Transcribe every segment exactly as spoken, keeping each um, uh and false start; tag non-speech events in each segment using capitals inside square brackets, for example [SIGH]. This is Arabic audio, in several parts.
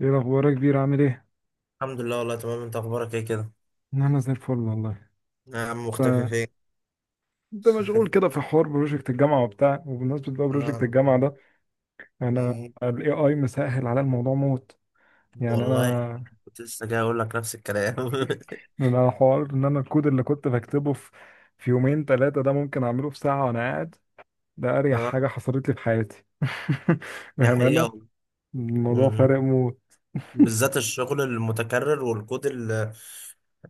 ايه الاخبار يا كبير، عامل ايه؟ الحمد لله، والله تمام. انت اخبارك ايه كده؟ انا زي الفل والله. يا عم مختفي فين؟ انت مشغول [LAUGHS] كده في حوار بروجكت الجامعه وبتاع، وبمناسبه بقى بروجكت آه. الجامعه ده، م- انا م. الاي اي مسهل على الموضوع موت. يعني والله انا كنت لسه جاي اقول لك نفس الكلام. انا حوار ان انا الكود اللي كنت بكتبه في في يومين ثلاثه ده ممكن اعمله في ساعه وانا قاعد. ده [LAUGHS] اريح اه، حاجه حصلت لي في حياتي [LAUGHS] دي حقيقة بامانه، والله. م- الموضوع م. فارق موت. بالذات الشغل المتكرر والكود ال-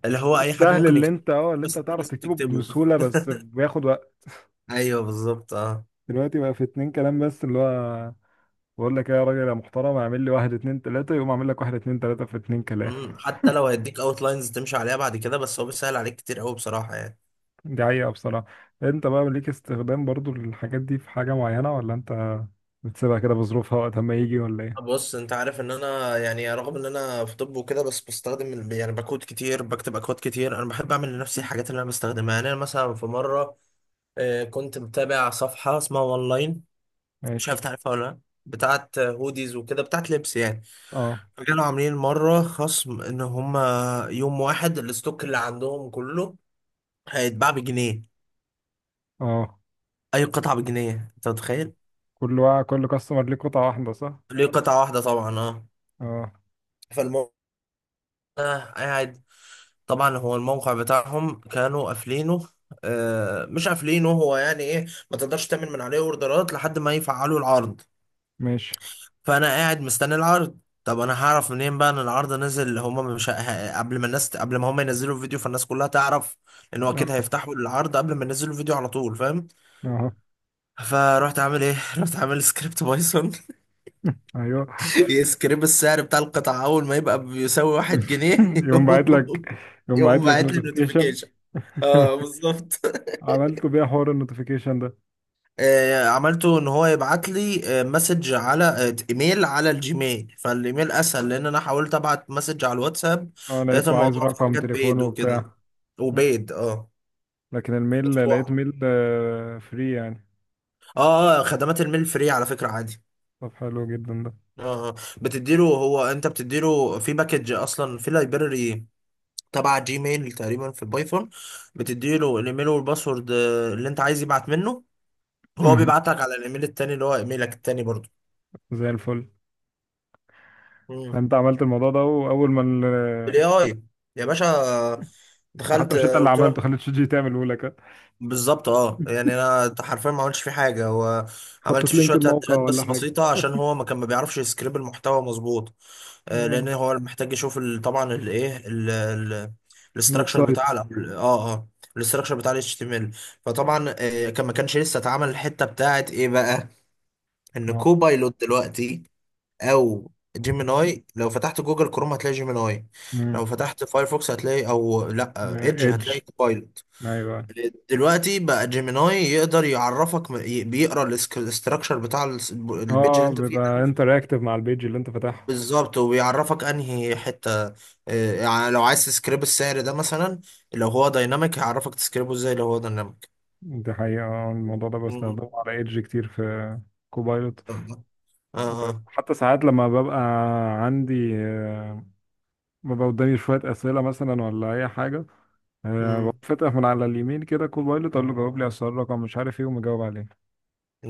اللي هو الكود اي حد السهل ممكن اللي يكتبه، انت اه اللي انت بس انت تعرف لازم تكتبه تكتبه. بسهوله [LAUGHS] بس بياخد وقت. ايوه، بالظبط، اه. دلوقتي بقى في اتنين كلام بس، اللي هو بقول لك إيه يا راجل يا محترم، اعمل لي واحد اتنين تلاتة، يقوم اعمل لك واحد اتنين تلاتة في اتنين كلام م. [LAUGHS] حتى لو هيديك اوت لاينز تمشي عليها بعد كده، بس هو بيسهل عليك كتير قوي بصراحة يعني. دي حقيقة بصراحة. انت بقى ليك استخدام برضو للحاجات دي في حاجة معينة، ولا انت بتسيبها كده بظروفها وقت ما يجي، ولا ايه؟ بص، انت عارف ان انا يعني رغم ان انا في طب وكده، بس بستخدم ال- يعني بكود كتير، بكتب اكواد كتير. انا بحب اعمل لنفسي الحاجات اللي انا بستخدمها. يعني انا مثلا في مره، آه، كنت متابع صفحه اسمها اونلاين، مش ماشي. عارف تعرفها ولا لا. بتاعت هوديز وكده، بتاعت لبس يعني. اه. كانوا عاملين مره خصم ان هم يوم واحد الستوك اللي عندهم كله هيتباع بجنيه. اه، اي قطعه بجنيه، انت متخيل؟ كل واحد، كل كاستمر ليه قطعة واحدة، صح؟ ليه قطعه واحده طبعا، اه. اه. فالموضوع ده قاعد. طبعا هو الموقع بتاعهم كانوا قافلينه، آه مش قافلينه، هو يعني ايه، ما تقدرش تعمل من عليه اوردرات لحد ما يفعلوا العرض. ماشي. فانا قاعد مستني العرض. طب انا هعرف منين بقى ان العرض نزل؟ هما مش ه- قبل ما الناس قبل ما هما ينزلوا الفيديو، فالناس كلها تعرف ان هو اكيد اه. هيفتحوا العرض قبل ما ينزلوا الفيديو على طول، فاهم؟ اه. فرحت عامل ايه؟ [LAUGHS] رحت عامل سكريبت بايثون. [LAUGHS] ايوه. [LAUGHS] يسكريب السعر بتاع القطعة اول ما يبقى بيساوي واحد [LAUGHS] جنيه [LAUGHS] يقوم باعت يقوم، لك، يقوم يقوم باعت لك باعت لي نوتيفيكيشن. نوتيفيكيشن. اه، بالظبط. [LAUGHS] عملت بيها حوار النوتيفيكيشن ده. آه، عملته ان هو يبعت لي آه، مسج، على آه، ايميل على الجيميل. فالايميل اسهل، لان انا حاولت ابعت مسج على الواتساب، اه، لقيت لقيته عايز الموضوع في رقم حاجات بيض تليفونه وبتاع. وكده. وبيض، اه، لكن الميل لقيت مدفوع. ميل فري يعني. اه، اه، خدمات الميل فري على فكرة، عادي. طب حلو جدا ده. اه، آه. بتديله هو انت بتديله في باكج اصلا، في لايبراري تبع جيميل تقريبا في البايثون. بتديله الايميل والباسورد آه، اللي انت عايز يبعت منه، هو مهم. بيبعت لك على الايميل التاني، اللي هو ايميلك التاني برضه. زي الفل. فانت عملت الموضوع ده، واول ما ال... بالاي اي يا باشا، انت دخلت حتى مش انت اللي قلت له. عملته، خليت شات جي تعمله لك. بالظبط، اه، يعني انا حرفيا ما عملتش فيه حاجه، هو عملت حطيت فيه لينك شويه الموقع تعديلات ولا بس حاجة؟ بسيطه، عشان هو ما كان ما بيعرفش يسكريب المحتوى مظبوط. آه، لان آه. هو محتاج يشوف ال- طبعا الايه، [LAUGHS] الويب الاستراكشر بتاع سايت. ال- اه اه الاستراكشر بتاع الاتش تي ام ال. فطبعا آه، كان ما كانش لسه اتعمل الحته بتاعت ايه بقى، ان اه. كوبايلوت دلوقتي او جيميناي. لو فتحت جوجل كروم هتلاقي جيميناي، لو فتحت فايرفوكس هتلاقي، او لا، ايدج، ايدج. هتلاقي كوبايلوت. ايوه. دلوقتي بقى جيميناي يقدر يعرفك، ي- بيقرا الاستراكشر بتاع الس- البيج اللي اه، انت فيه ده. بيبقى انتراكتيف مع البيج اللي انت فاتحها. بالظبط، وبيعرفك انهي حته. آه، يعني لو عايز تسكريب السعر ده مثلا، لو هو دايناميك هيعرفك تسكريبه ازاي لو هو دايناميك. دي حقيقة. آه، الموضوع ده بستخدمه على ايدج كتير، في كوبايلوت. اه، اه، آه. وحتى ساعات لما ببقى عندي آه، ببقى قدامي شوية أسئلة مثلا ولا أي حاجة، أه م. بقوم فاتح من على اليمين كده كوبايلوت، أقول له جاوب لي على السؤال رقم مش عارف إيه، ومجاوب عليه.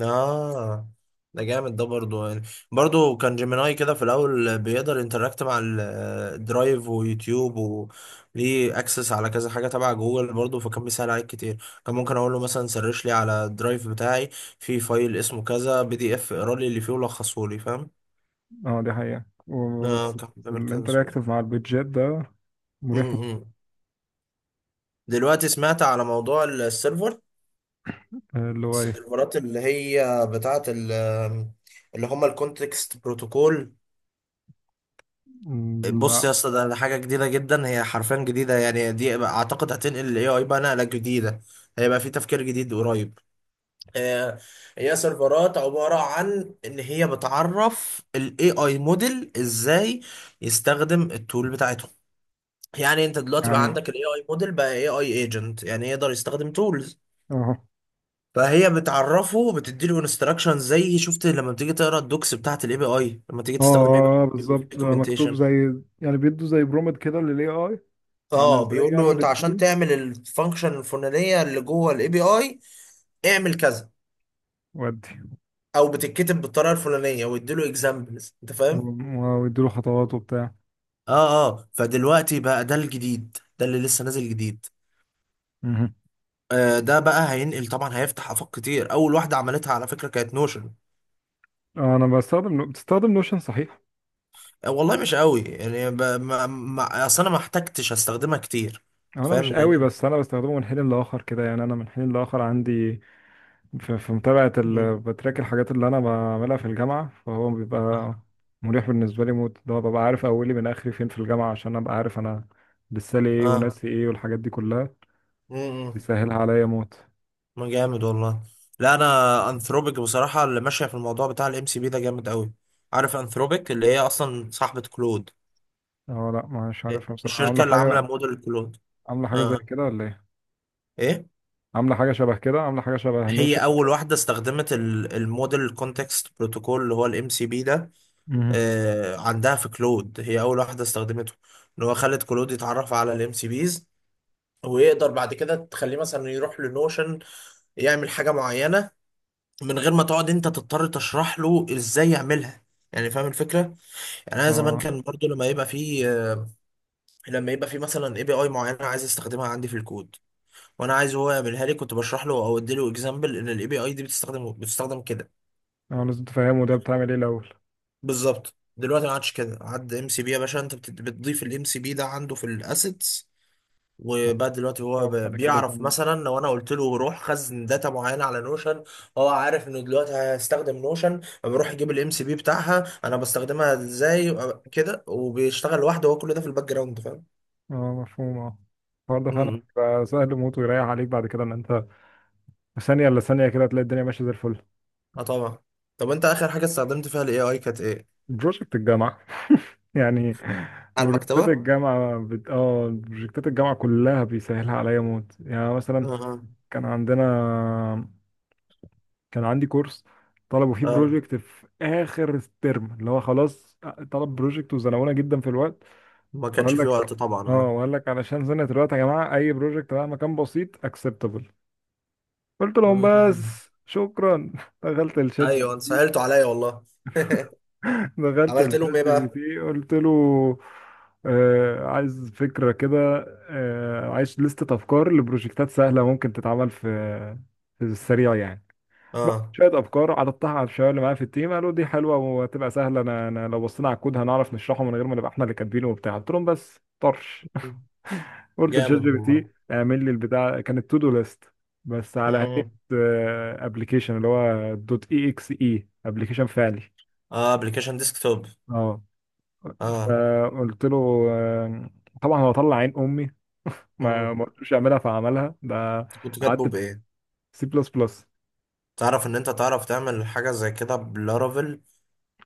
اه، ده جامد ده برضو يعني. برضو كان جيميناي كده في الاول بيقدر انتراكت مع ال- الدرايف ويوتيوب، وليه اكسس على كذا حاجه تبع جوجل برضو، فكان بيسهل عليك كتير. كان ممكن اقول له مثلا سرش لي على الدرايف بتاعي في فايل اسمه كذا بي دي اف، اقرا لي اللي فيه ولخصه لي، فاهم؟ أه دي حقيقة اه، وبس. كان بيعمل اللي كده أنت بسهوله. رياكتيف مع البيتجات ده مريح. امم دلوقتي سمعت على موضوع السيرفر، آه، اللي هو إيه؟ السيرفرات اللي هي بتاعه ال- اللي هم الكونتكست بروتوكول. مم، بص لا. يا اسطى، ده ده حاجه جديده جدا، هي حرفيا جديده. يعني دي اعتقد هتنقل الاي اي بقى نقله جديده، هيبقى في تفكير جديد قريب. آه، هي سيرفرات عباره عن ان هي بتعرف الاي اي موديل ازاي يستخدم التول بتاعتهم. يعني انت دلوقتي بقى يعني عندك الاي اي موديل، بقى اي اي ايجنت، يعني يقدر يستخدم تولز. أهو. فهي بتعرفه، بتديله انستراكشن، زي شفت لما بتيجي تقرا الدوكس بتاعت الاي بي اي لما تيجي أه تستخدم اي بي آه، بالظبط، بقى مكتوب اي. زي، يعني بيدوا زي برومت كده لل اي اي عن اه، إزاي بيقول له يعمل انت عشان التول. تعمل الفانكشن الفلانيه اللي جوه الاي بي اي اعمل كذا، ودي او بتتكتب بالطريقه الفلانيه، ويديله اكزامبلز، انت فاهم. و- ويديله خطوات وبتاع. اه، اه، فدلوقتي بقى ده الجديد، ده اللي لسه نازل جديد. مهم. آه ده بقى هينقل طبعا، هيفتح افاق كتير. اول واحده عملتها على فكره كانت نوشن. أه أنا بستخدم، بتستخدم نوشن صحيح؟ آه والله مش قوي يعني، ب... ما... ما... اصل انا ما احتجتش استخدمها كتير. هو انا فاهم، مش لان قوي، انت. بس انا بستخدمه من حين لاخر كده، يعني انا من حين لاخر عندي في, في متابعه مم. ال... بتراك الحاجات اللي انا بعملها في الجامعه، فهو اه، بيبقى مريح بالنسبه لي موت. ده ببقى عارف اولي من اخري فين في الجامعه، عشان ابقى عارف انا لسه لي ايه آه. وناسي ايه والحاجات دي كلها، مم. بيسهلها عليا موت. ما جامد والله. لا، انا انثروبيك بصراحه اللي ماشيه في الموضوع بتاع الام سي بي ده جامد قوي. عارف انثروبيك اللي هي اصلا صاحبه كلود، اه، لا مش عارفها بصراحه. عامله الشركه اللي عامله حاجه؟ موديل كلود. عامله اه، حاجه زي آه. كده ولا ايه؟ ايه. عامله حاجه شبه كده، عامله حاجه شبه نوشن هي اول وكده. واحده استخدمت ال- الموديل كونتكست بروتوكول، اللي هو الام سي بي ده. مهم. آه عندها في كلود، هي اول واحده استخدمته. ان هو خلت كلود يتعرف على الام سي بيز، ويقدر بعد كده تخليه مثلا يروح لنوشن يعمل حاجه معينه من غير ما تقعد انت تضطر تشرح له ازاي يعملها. يعني فاهم الفكره؟ يعني انا زمان اه. كان برضو لما يبقى في لما يبقى في مثلا اي بي اي معينه عايز استخدمها عندي في الكود، وانا عايز هو يعملها لي، كنت بشرح له او ادي له اكزامبل ان الاي بي اي دي بتستخدم بتستخدم كده. اه، لازم تفهمه ده بتعمل ايه الاول. بالظبط، دلوقتي ما عادش كده، عاد ام سي بي يا باشا. انت بت- بتضيف الام سي بي ده عنده في الاسيتس، وبقى دلوقتي هو ب- وبعد كده بيعرف مثلا لو انا قلت له روح خزن داتا معينه على نوشن، هو عارف انه دلوقتي هستخدم نوشن، بروح يجيب الام سي بي بتاعها، انا بستخدمها ازاي أ- كده، وبيشتغل لوحده هو، كل ده في الباك جراوند، فاهم؟ اه مفهوم. اه. الحوار ده فعلا امم بيبقى سهل موت ويريح عليك بعد كده، ان انت في ثانيه الا ثانيه كده هتلاقي الدنيا ماشيه زي الفل. اه، طبعا. طب انت اخر حاجه استخدمت فيها الاي اي كانت ايه؟ بروجكت الجامعه. [LAUGHS] يعني على بروجكتات المكتبة. الجامعه بت... اه بروجكتات الجامعه كلها بيسهلها عليا موت. يعني مثلا اه، كان عندنا، كان عندي كورس طلبوا فيه اه، بروجكت في اخر الترم، اللي هو خلاص طلب بروجكت وزنقونا جدا في الوقت، ما وقال كانش في وقت لك، طبعا، اه اه. وقال لك علشان زنقت الوقت يا جماعه اي بروجكت مهما كان بسيط اكسبتبل. قلت لهم مم. بس شكرا [LAUGHS] دخلت الشات جي ايوه، انت بي تي، سهلته عليا والله. [LAUGHS] دخلت عملت لهم الشات ايه جي بي بقى؟ تي قلت له، آه عايز فكرة كده، آه عايز لستة أفكار لبروجكتات سهلة ممكن تتعمل في في السريع يعني. بقى اه، شوية أفكار عرضتها على الشباب اللي معايا في التيم، قالوا دي حلوة وهتبقى سهلة، أنا أنا لو بصينا على الكود هنعرف نشرحه من غير ما نبقى إحنا اللي كاتبينه وبتاع. قلت لهم بس طرش. قلت لشات جي جامد بي والله. تي اعمل لي البتاع، كانت تو دو ليست بس على هيئه امم ابلكيشن، اللي هو دوت اي اكس اي ابلكيشن فعلي. اه، ابلكيشن ديسكتوب. اه اه. فقلت له آه، طبعا هو طلع عين امي، ما مم. ما قلتلوش اعملها فعملها ده. انت كنت كاتبه قعدت بايه؟ سي بلس بلس. تعرف ان انت تعرف تعمل حاجه زي كده بلارافيل،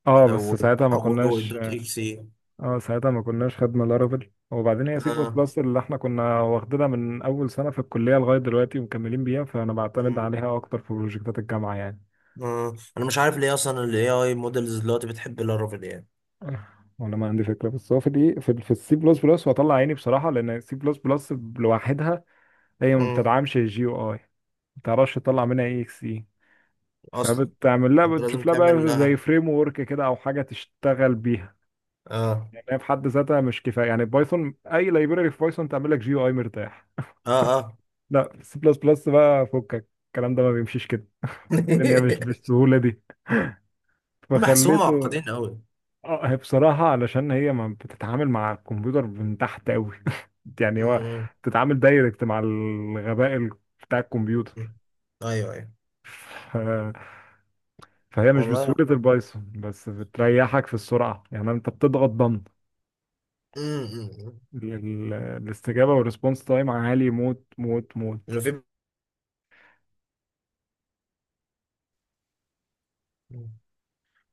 اه آه، بس ساعتها ما وتحوله كناش، دوت اكس اي. اه ساعتها ما كناش خدنا لارافيل. وبعدين هي سي بلس اه. بلس اللي احنا كنا واخدينها من اول سنه في الكليه لغايه دلوقتي ومكملين بيها، فانا بعتمد مم. عليها اكتر في بروجكتات الجامعه يعني. آه. انا مش عارف ليه اصلا الاي اي موديلز دلوقتي بتحب لارافيل يعني. ولا ما عندي فكره، بس هو في الايه، في, ال- في السي بلس بلس، وهطلع عيني بصراحه لان السي بلس بلس لوحدها هي ما مم. بتدعمش الجي او اي، ما تعرفش تطلع منها اي اكس اي، اصلا، فبتعمل لها، فانت لازم بتشوف لها تعمل بقى زي لها. فريم ورك كده او حاجه تشتغل بيها. اه، يعني هي في حد ذاتها مش كفايه، يعني بايثون، اي لايبراري في بايثون تعمل لك جي او اي مرتاح. اه، اه. لا السي بلس بلس بقى فكك الكلام ده، ما بيمشيش كده، الدنيا مش [LAUGHS] بالسهوله دي. بحسهم فخليته. معقدين قوي. اه، هي بصراحة علشان هي ما بتتعامل مع الكمبيوتر من تحت قوي [LAUGHS] يعني هو مم. بتتعامل دايركت مع الغباء ال- بتاع الكمبيوتر. مم. ايوه، ايوه، ف... فهي مش والله يا بسهولة احمد. البايثون، بس بتريحك في السرعة. يعني انت بتضغط ضم مم. مم. ال- الاستجابة والريسبونس تايم عالي موت موت موت. اللي في،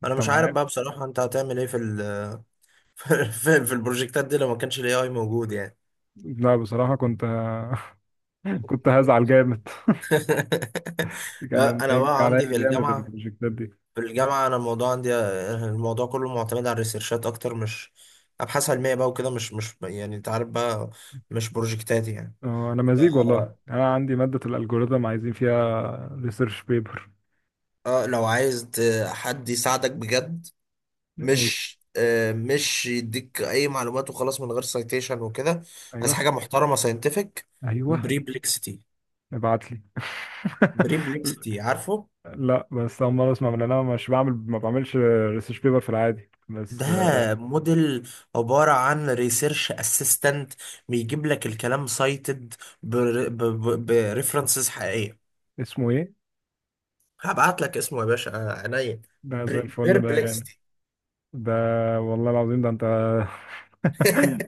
انا انت مش عارف معايا؟ بقى بصراحه انت هتعمل ايه في ال [LAUGHS] في في البروجكتات دي لو ما كانش الاي اي موجود يعني. لا بصراحة كنت [LAUGHS] كنت هزعل جامد [LAUGHS] [LAUGHS] كان أنا لا، انا هيجي بقى عليا عندي في جامد الجامعه البروجكتات دي. في الجامعه انا الموضوع عندي الموضوع كله معتمد على الريسيرشات اكتر، مش ابحاث علميه بقى وكده. مش مش يعني انت عارف بقى، مش بروجكتاتي يعني. اه انا مزيج ف- والله، انا عندي مادة الالجوريثم عايزين فيها ريسيرش بيبر. اه، لو عايز ت- حد يساعدك بجد، أي- مش آه، مش يديك اي معلومات وخلاص من غير سايتيشن وكده، عايز ايوه حاجه محترمه ساينتفك. ايوه. بريبلكسيتي. ابعت لي [LAUGHS] بريبلكسيتي، عارفه؟ لا بس اول مره اسمع، من انا مش بعمل ما بعملش ريسيرش بيبر في العادي، ده بس آه، موديل عبارة عن ريسيرش اسيستنت، بيجيب لك الكلام سايتد، بريفرنسز حقيقية. اسمه ايه؟ هبعت لك اسمه يا باشا، آه، عينيا. ده زي الفل ده يا غالي. بيربلكسيتي. ده والله العظيم ده انت [LAUGHS]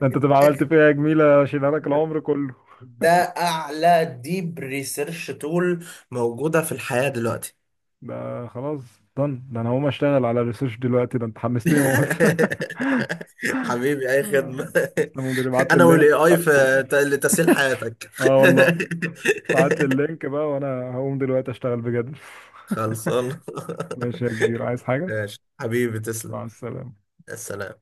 ده انت تبقى عملت فيها جميله اشيلها لك العمر كله. ده اعلى ديب ريسيرش تول موجودة في الحياة دلوقتي. ده خلاص done. ده انا هقوم اشتغل على الريسيرش دلوقتي، ده انت حمستني موت [LAUGHS] [LAUGHS] حبيبي، اي خدمة. [LAUGHS] تسلم يا مدير، ابعت لي انا والاي اللينك. اي في ت- لتسهيل حياتك. اه والله. ابعت لي [LAUGHS] اللينك بقى وانا هقوم دلوقتي اشتغل بجد. [LAUGHS] خلصان. ماشي يا كبير، [LAUGHS] عايز حاجة؟ ماشي حبيبي، تسلم. مع السلامة. السلام.